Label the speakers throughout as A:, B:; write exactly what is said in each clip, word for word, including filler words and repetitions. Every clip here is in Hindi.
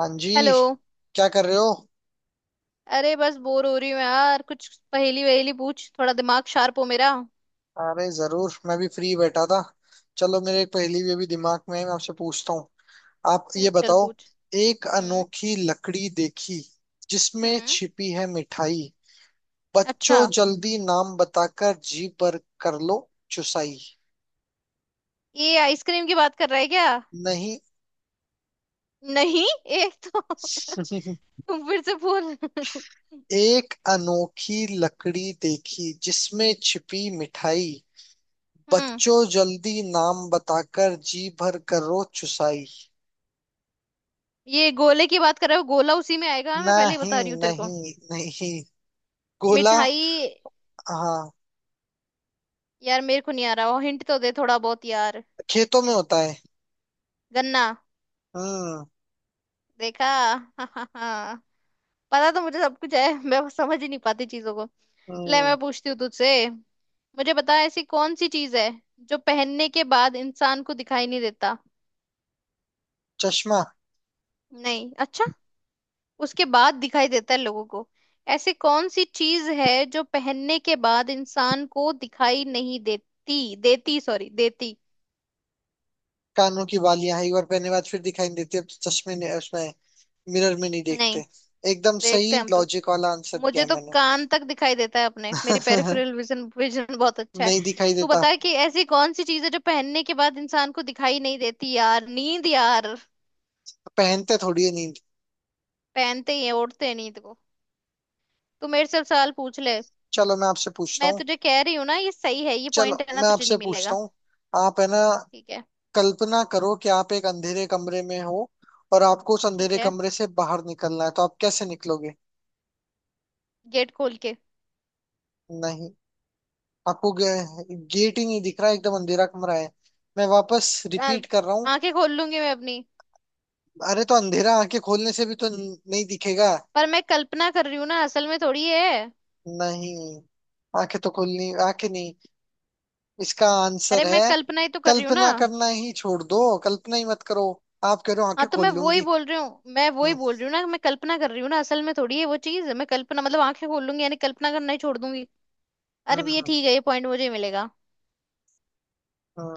A: हाँ जी।
B: हेलो।
A: क्या कर रहे हो?
B: अरे बस बोर हो रही हूँ यार, कुछ पहेली वहेली पूछ, थोड़ा दिमाग शार्प हो मेरा।
A: अरे जरूर, मैं भी फ्री बैठा था। चलो मेरे एक पहेली भी अभी दिमाग में है, मैं आपसे पूछता हूँ। आप ये
B: पूछ, चल
A: बताओ।
B: पूछ।
A: एक
B: हम्म।
A: अनोखी लकड़ी देखी, जिसमें
B: हम्म।
A: छिपी है मिठाई,
B: अच्छा।
A: बच्चों जल्दी नाम बताकर जी पर कर लो चुसाई।
B: ये आइसक्रीम की बात कर रहा है क्या?
A: नहीं।
B: नहीं। एक तो तुम फिर से बोल।
A: एक अनोखी लकड़ी देखी जिसमें छिपी मिठाई,
B: हम्म।
A: बच्चों जल्दी नाम बताकर जी भर करो चुसाई।
B: ये गोले की बात कर रहे हो? गोला उसी में आएगा, मैं पहले ही
A: नहीं
B: बता रही हूँ तेरे को।
A: नहीं नहीं गोला।
B: मिठाई।
A: हाँ।
B: यार मेरे को नहीं आ रहा, हिंट तो दे थोड़ा बहुत यार।
A: खेतों में होता है।
B: गन्ना।
A: हम्म।
B: देखा? पता तो मुझे सब कुछ है, मैं बस समझ ही नहीं पाती चीजों को। ले मैं
A: हम्म।
B: पूछती हूँ तुझसे। मुझे बता, ऐसी कौन सी चीज है जो पहनने के बाद इंसान को दिखाई नहीं देता।
A: चश्मा।
B: नहीं। अच्छा। उसके बाद दिखाई देता है लोगों को। ऐसी कौन सी चीज है जो पहनने के बाद इंसान को दिखाई नहीं देती देती सॉरी देती।
A: कानों की बालियां हैं, एक बार पहनने के बाद फिर दिखाई नहीं देती, अब तो चश्मे ने उसमें मिरर में नहीं
B: नहीं,
A: देखते। एकदम
B: देखते
A: सही
B: हैं हम तो।
A: लॉजिक वाला आंसर दिया
B: मुझे
A: है
B: तो
A: मैंने।
B: कान तक दिखाई देता है अपने, मेरी पेरिफेरल विजन विजन बहुत अच्छा है।
A: नहीं दिखाई
B: तू
A: देता।
B: बता कि ऐसी कौन सी चीज है जो पहनने के बाद इंसान को दिखाई नहीं देती। यार नींद यार।
A: पहनते थोड़ी है नींद।
B: पहनते ही है, ओढ़ते हैं नींद को। तू मेरे से सवाल पूछ ले।
A: चलो मैं आपसे पूछता
B: मैं
A: हूँ।
B: तुझे कह रही हूँ ना, ये सही है, ये
A: चलो
B: पॉइंट है ना,
A: मैं
B: तुझे
A: आपसे
B: नहीं
A: पूछता
B: मिलेगा।
A: हूँ। आप है ना,
B: ठीक है।
A: कल्पना करो कि आप एक अंधेरे कमरे में हो, और आपको उस
B: ठीक
A: अंधेरे
B: है,
A: कमरे से बाहर निकलना है, तो आप कैसे निकलोगे?
B: गेट खोल के।
A: नहीं, आपको गेट ही नहीं दिख रहा है, एकदम अंधेरा कमरा है। मैं वापस
B: आ-
A: रिपीट कर रहा हूँ।
B: आंखें खोल लूंगी मैं अपनी।
A: अरे तो अंधेरा आंखें खोलने से भी तो न- नहीं दिखेगा।
B: पर मैं कल्पना कर रही हूँ ना, असल में थोड़ी है।
A: नहीं, आंखें तो खोलनी, आंखें नहीं इसका
B: अरे
A: आंसर
B: मैं
A: है।
B: कल्पना ही तो कर रही हूँ ना।
A: कल्पना करना ही छोड़ दो, कल्पना ही मत करो। आप कह रहे हो
B: हाँ
A: आंखें
B: तो मैं
A: खोल
B: वो ही
A: लूंगी।
B: बोल रही हूँ, मैं वो ही
A: हम्म।
B: बोल रही हूँ ना, मैं कल्पना कर रही हूँ ना, असल में थोड़ी है वो चीज, मैं कल्पना मतलब आंखें खोल लूंगी यानी कल्पना करना ही छोड़ दूंगी। अरे भी ये
A: हम्म।
B: ठीक है, ये पॉइंट मुझे ही मिलेगा।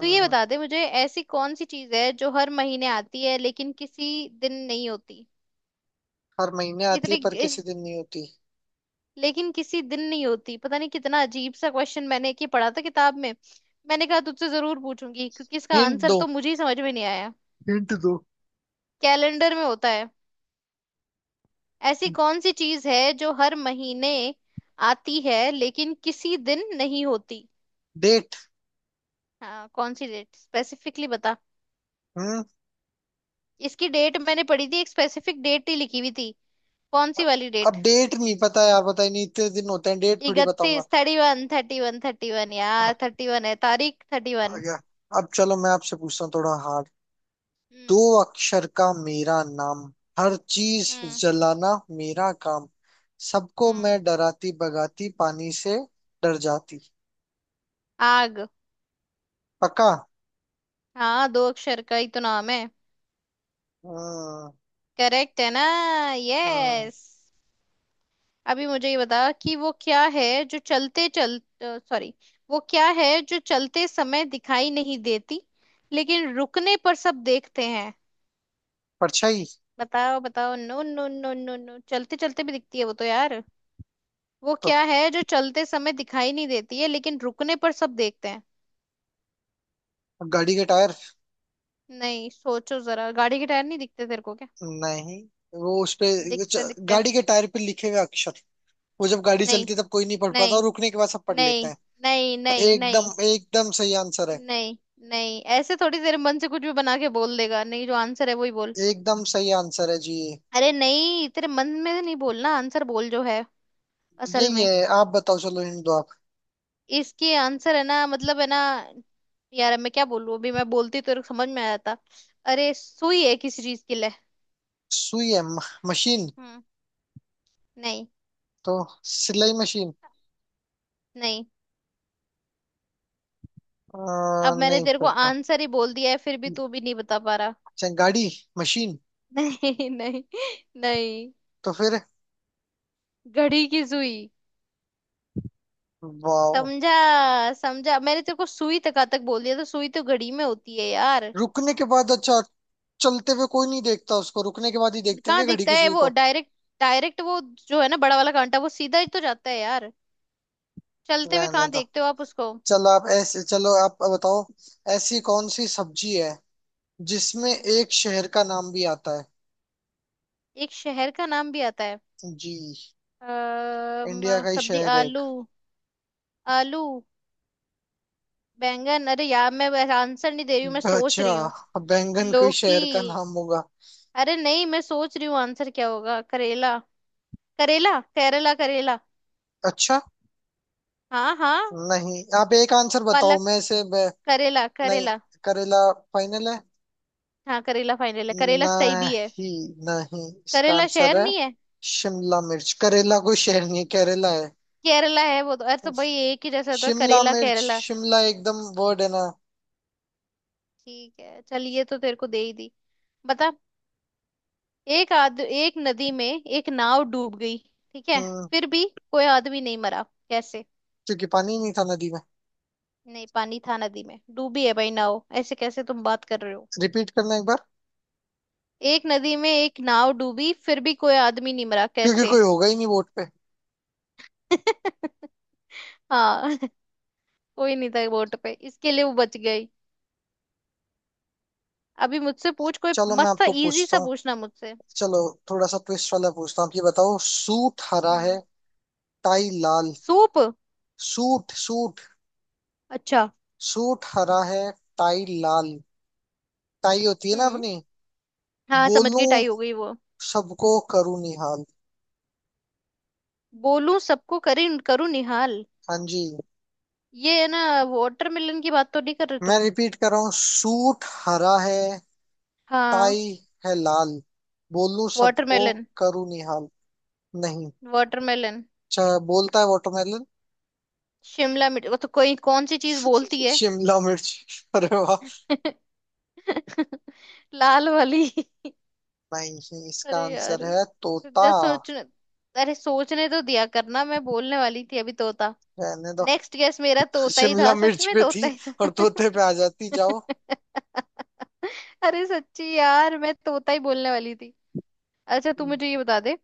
B: तो ये बता दे मुझे, ऐसी कौन सी चीज है जो हर महीने आती है लेकिन किसी दिन नहीं होती।
A: हर महीने आती है
B: इतनी
A: पर किसी दिन नहीं होती?
B: लेकिन किसी दिन नहीं होती, पता नहीं कितना अजीब सा क्वेश्चन मैंने कि पढ़ा था किताब में। मैंने कहा तुझसे जरूर पूछूंगी क्योंकि इसका
A: हिंट
B: आंसर
A: दो।
B: तो मुझे ही समझ में नहीं आया।
A: हिंट दो।
B: कैलेंडर में होता है। ऐसी कौन सी चीज है जो हर महीने आती है लेकिन किसी दिन नहीं होती।
A: डेट।
B: हाँ, कौन सी डेट स्पेसिफिकली बता।
A: हम्म।
B: इसकी डेट मैंने पढ़ी थी, एक स्पेसिफिक डेट ही लिखी हुई थी। कौन सी वाली डेट?
A: अब डेट नहीं पता यार, बताइए, नहीं इतने दिन होते हैं, डेट थोड़ी बताऊंगा।
B: इकतीस, thirty one thirty one thirty one यार, थर्टी वन है तारीख, थर्टी
A: आ
B: वन।
A: गया। अब चलो मैं आपसे पूछता हूँ थोड़ा हार्ड। दो
B: हम्म।
A: अक्षर का मेरा नाम, हर चीज
B: हम्म।
A: जलाना मेरा काम, सबको
B: हम्म।
A: मैं डराती भगाती, पानी से डर जाती।
B: आग।
A: पक्का?
B: हाँ दो अक्षर का ही तो नाम है।
A: हम्म।
B: करेक्ट है ना?
A: हम्म।
B: यस। अभी मुझे ये बता कि वो क्या है जो चलते चल सॉरी वो क्या है जो चलते समय दिखाई नहीं देती लेकिन रुकने पर सब देखते हैं।
A: परछाई।
B: बताओ बताओ, no no no no no, चलते चलते भी दिखती है वो तो यार। वो
A: तो
B: क्या है जो चलते समय दिखाई नहीं देती है लेकिन रुकने पर सब देखते हैं?
A: गाड़ी के टायर।
B: नहीं, सोचो जरा। गाड़ी के टायर नहीं दिखते तेरे को क्या?
A: नहीं, वो उस पे,
B: दिखते
A: च-
B: दिखते।
A: गाड़ी के टायर पे लिखे हुए अक्षर, वो जब गाड़ी
B: नहीं
A: चलती है तब कोई नहीं पढ़ पाता और
B: नहीं
A: रुकने के बाद सब पढ़ लेते
B: नहीं
A: हैं।
B: नहीं नहीं नहीं
A: एकदम
B: नहीं
A: एकदम सही आंसर है।
B: नहीं। नहीं, ऐसे थोड़ी तेरे मन से कुछ भी बना के बोल देगा, नहीं जो आंसर है वही बोल।
A: एकदम सही आंसर है जी ये।
B: अरे नहीं, तेरे मन में से नहीं बोलना, आंसर बोल जो है असल
A: यही
B: में।
A: है, आप बताओ, चलो हिंट दो आप।
B: इसके आंसर है ना, मतलब है ना। यार मैं क्या बोलूं, अभी मैं बोलती तो समझ में आ जाता। अरे सुई है किसी चीज के लिए।
A: सुई है, म- मशीन।
B: हम्म। नहीं।
A: तो सिलाई मशीन।
B: नहीं।
A: अ,
B: अब मैंने
A: नहीं
B: तेरे को
A: फिर तो।
B: आंसर ही बोल दिया है फिर भी तू भी नहीं बता पा रहा।
A: अच्छा गाड़ी, मशीन।
B: नहीं नहीं। नहीं।
A: तो फिर?
B: घड़ी की सुई।
A: वाओ।
B: समझा। समझा, मैंने तेरे को सुई तक तक बोल दिया, तो सुई तो घड़ी में होती है यार।
A: रुकने के बाद, अच्छा। चलते हुए कोई नहीं देखता उसको, रुकने के बाद ही देखते हैं
B: कहाँ
A: क्या घड़ी
B: दिखता
A: की
B: है
A: सुई
B: वो
A: को?
B: डायरेक्ट? डायरेक्ट वो जो है ना, बड़ा वाला कांटा वो सीधा ही तो जाता है यार। चलते हुए
A: रहने
B: कहाँ
A: दो।
B: देखते हो आप उसको।
A: चलो आप ऐसे चलो, आप बताओ। ऐसी
B: हम्म।
A: कौन सी सब्जी है जिसमें
B: हम्म।
A: एक शहर का नाम भी आता है?
B: एक शहर का नाम भी आता है।
A: जी।
B: अम,
A: इंडिया का ही
B: सब्जी
A: शहर है एक।
B: आलू। आलू, बैंगन, अरे यार मैं आंसर नहीं दे रही हूँ, मैं सोच
A: अच्छा,
B: रही हूँ।
A: बैंगन कोई
B: लौकी।
A: शहर का नाम होगा?
B: अरे नहीं मैं सोच रही हूँ आंसर क्या होगा। करेला करेला करेला करेला।
A: अच्छा।
B: हाँ हाँ।
A: नहीं आप एक आंसर बताओ
B: पालक।
A: मैं से।
B: करेला
A: नहीं।
B: करेला।
A: करेला फाइनल है?
B: हाँ, करेला फाइनल है, करेला सही भी है।
A: नहीं, नहीं इसका
B: करेला
A: आंसर
B: शहर
A: है।
B: नहीं है।
A: शिमला मिर्च। करेला कोई शहर नहीं है, केरला है।
B: केरला है वो तो। अरे तो भाई एक ही जैसा होता है
A: शिमला
B: करेला
A: मिर्च।
B: केरला।
A: शिमला एकदम वर्ड है ना।
B: ठीक है, चल ये तो तेरे को दे ही दी। बता। एक आद, एक नदी में एक नाव डूब गई, ठीक है,
A: हम्म।
B: फिर भी कोई आदमी नहीं मरा, कैसे?
A: क्योंकि पानी नहीं था नदी में।
B: नहीं, पानी था नदी में, डूबी है भाई नाव, ऐसे कैसे तुम बात कर रहे हो।
A: रिपीट करना एक बार।
B: एक नदी में एक नाव डूबी फिर भी कोई आदमी नहीं मरा,
A: क्योंकि
B: कैसे?
A: कोई होगा ही नहीं बोट पे।
B: हाँ कोई नहीं था बोट पे इसके लिए वो बच गई। अभी मुझसे पूछ कोई
A: चलो मैं
B: मस्त था,
A: आपको
B: इजी
A: पूछता
B: सा
A: हूँ।
B: पूछना मुझसे।
A: चलो। थोड़ा सा ट्विस्ट वाला पूछता हूँ, आप ये बताओ। सूट हरा है,
B: हम्म।
A: टाई लाल।
B: सूप।
A: Suit suit.
B: अच्छा।
A: सूट हरा है, टाई लाल, टाई होती है ना
B: हम्म।
A: अपनी।
B: हाँ समझ गई,
A: बोलूं
B: टाई हो गई वो।
A: सबको करूं निहाल।
B: बोलूं सबको करी करूं निहाल,
A: हाँ जी।
B: ये है ना? वाटरमेलन की बात तो नहीं कर रहे
A: मैं
B: तुम?
A: रिपीट कर रहा हूँ। सूट हरा है,
B: हाँ।
A: टाई है लाल, बोलूं सबको
B: वाटरमेलन।
A: करूं निहाल। नहीं।
B: वाटरमेलन।
A: अच्छा, बोलता है वाटरमेलन।
B: शिमला मिर्च वो तो, कोई कौन सी चीज बोलती है?
A: शिमला मिर्च। अरे वाह।
B: लाल वाली।
A: नहीं,
B: अरे
A: इसका
B: यार,
A: आंसर है तोता।
B: जब सोचने, अरे सोचने तो दिया करना, मैं बोलने वाली थी अभी तोता।
A: रहने दो।
B: नेक्स्ट गेस मेरा तोता ही
A: शिमला
B: था, सच
A: मिर्च
B: में
A: पे
B: तोता
A: थी
B: ही
A: और तोते
B: था।
A: पे आ जाती, जाओ।
B: अरे सच्ची यार, मैं तोता ही बोलने वाली थी। अच्छा तू मुझे
A: हम्म।
B: ये बता दे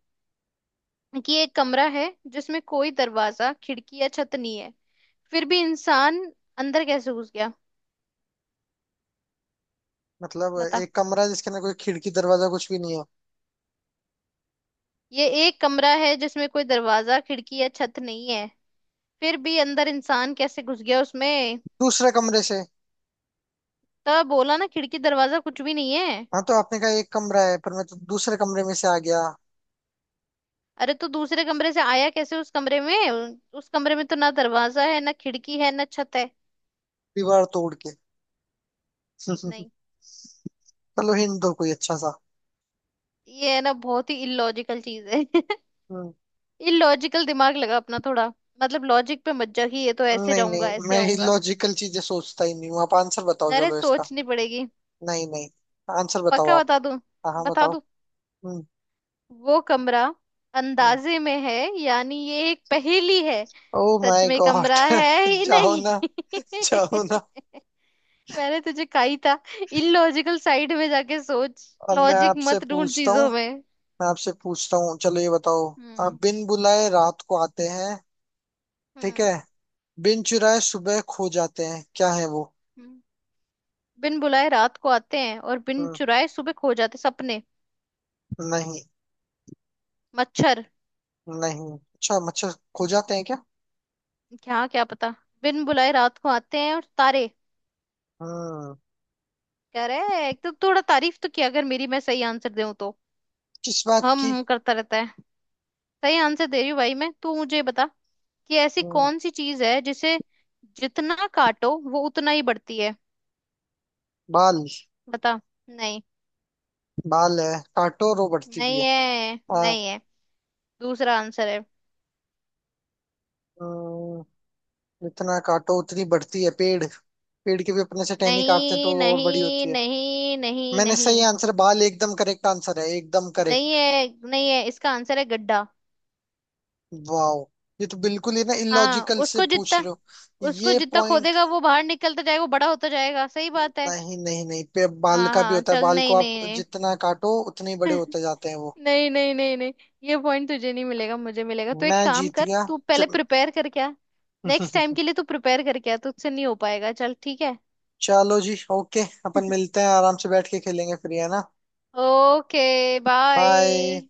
B: कि एक कमरा है जिसमें कोई दरवाजा खिड़की या छत नहीं है, फिर भी इंसान अंदर कैसे घुस गया।
A: मतलब
B: बता।
A: एक कमरा है जिसके अंदर कोई खिड़की दरवाजा कुछ भी नहीं है।
B: ये एक कमरा है जिसमें कोई दरवाजा खिड़की या छत नहीं है, फिर भी अंदर इंसान कैसे घुस गया उसमें।
A: दूसरे कमरे से।
B: तब बोला ना, खिड़की दरवाजा कुछ भी नहीं है।
A: हाँ तो आपने कहा एक कमरा है, पर मैं तो दूसरे कमरे में से आ गया।
B: अरे तो दूसरे कमरे से आया कैसे उस कमरे में, उ- उस कमरे में तो ना दरवाजा है ना खिड़की है ना छत है।
A: दीवार तोड़ के।
B: नहीं।
A: चलो हिंट दो कोई अच्छा सा।
B: ये है ना, बहुत ही इलॉजिकल चीज है।
A: हम्म।
B: इलॉजिकल दिमाग लगा अपना थोड़ा। मतलब लॉजिक पे मत जा कि ये तो ऐसे
A: नहीं
B: जाऊंगा
A: नहीं
B: ऐसे
A: मैं ही
B: आऊंगा।
A: लॉजिकल चीजें सोचता ही नहीं हूँ, आप आंसर बताओ
B: अरे
A: चलो इसका।
B: सोचनी पड़ेगी।
A: नहीं नहीं। आंसर बताओ
B: पक्का
A: आप।
B: बता दूं?
A: हाँ हाँ,
B: बता
A: बताओ।
B: दूं?
A: हम्म।
B: वो कमरा अंदाजे में है, यानी ये एक पहेली है,
A: ओ
B: सच
A: माय
B: में
A: गॉड।
B: कमरा है ही
A: जाओ
B: नहीं।
A: ना। जाओ ना।
B: मैंने तुझे कहा ही था, इलॉजिकल साइड में जाके सोच,
A: अब मैं
B: लॉजिक
A: आपसे
B: मत ढूंढ
A: पूछता हूँ।
B: चीजों में।
A: मैं आपसे पूछता हूँ, चलो ये बताओ।
B: हम्म।
A: आप बिन बुलाए रात को आते हैं, ठीक
B: हम्म।
A: है, बिन चुराए सुबह खो जाते हैं, क्या है वो?
B: हम्म। बिन बुलाए रात को आते हैं और बिन
A: हम्म।
B: चुराए सुबह खो जाते, सपने?
A: नहीं।
B: मच्छर।
A: नहीं अच्छा, मच्छर खो जाते हैं क्या?
B: क्या क्या पता। बिन बुलाए रात को आते हैं और, तारे।
A: हम्म।
B: कह रहे हैं एक तो, थोड़ा तारीफ तो किया अगर मेरी, मैं सही आंसर दूं तो।
A: किस बात
B: हम
A: की?
B: हम करता रहता है। सही आंसर दे रही हूँ भाई मैं। तू मुझे बता कि ऐसी
A: हम्म।
B: कौन सी चीज है जिसे जितना काटो वो उतना ही बढ़ती है।
A: बाल।
B: बता। नहीं,
A: बाल है, काटो रो बढ़ती भी
B: नहीं
A: है।
B: है
A: हाँ।
B: नहीं है। दूसरा आंसर है।
A: हम्म। जितना काटो उतनी बढ़ती है, पेड़। पेड़ की भी अपने से टहनी काटते हैं
B: नहीं
A: तो वो और बड़ी
B: नहीं
A: होती है।
B: नहीं नहीं
A: मैंने सही
B: नहीं,
A: आंसर, बाल एकदम करेक्ट आंसर है, एकदम
B: नहीं
A: करेक्ट।
B: है नहीं है, इसका आंसर है गड्ढा।
A: वाओ। ये तो बिल्कुल ही ना
B: हाँ
A: इलॉजिकल से
B: उसको
A: पूछ रहे
B: जितना,
A: हो।
B: उसको
A: ये
B: जितना
A: पॉइंट,
B: खोदेगा वो बाहर निकलता जाएगा, वो बड़ा होता जाएगा, सही बात है।
A: नहीं नहीं नहीं पे बाल
B: हाँ
A: का भी
B: हाँ
A: होता है,
B: चल,
A: बाल को
B: नहीं
A: आप
B: नहीं नहीं।
A: जितना काटो उतने ही बड़े होते जाते हैं वो।
B: नहीं नहीं नहीं नहीं। ये पॉइंट तुझे नहीं मिलेगा, मुझे मिलेगा, तो
A: मैं
B: एक काम
A: जीत
B: कर,
A: गया।
B: तू
A: च-
B: पहले प्रिपेयर कर क्या। नेक्स्ट टाइम के लिए तू प्रिपेयर कर, क्या तुझसे नहीं हो पाएगा, चल ठीक है।
A: चलो जी ओके, अपन मिलते हैं, आराम से बैठ के खेलेंगे फिर, है ना?
B: Okay bye.
A: बाय।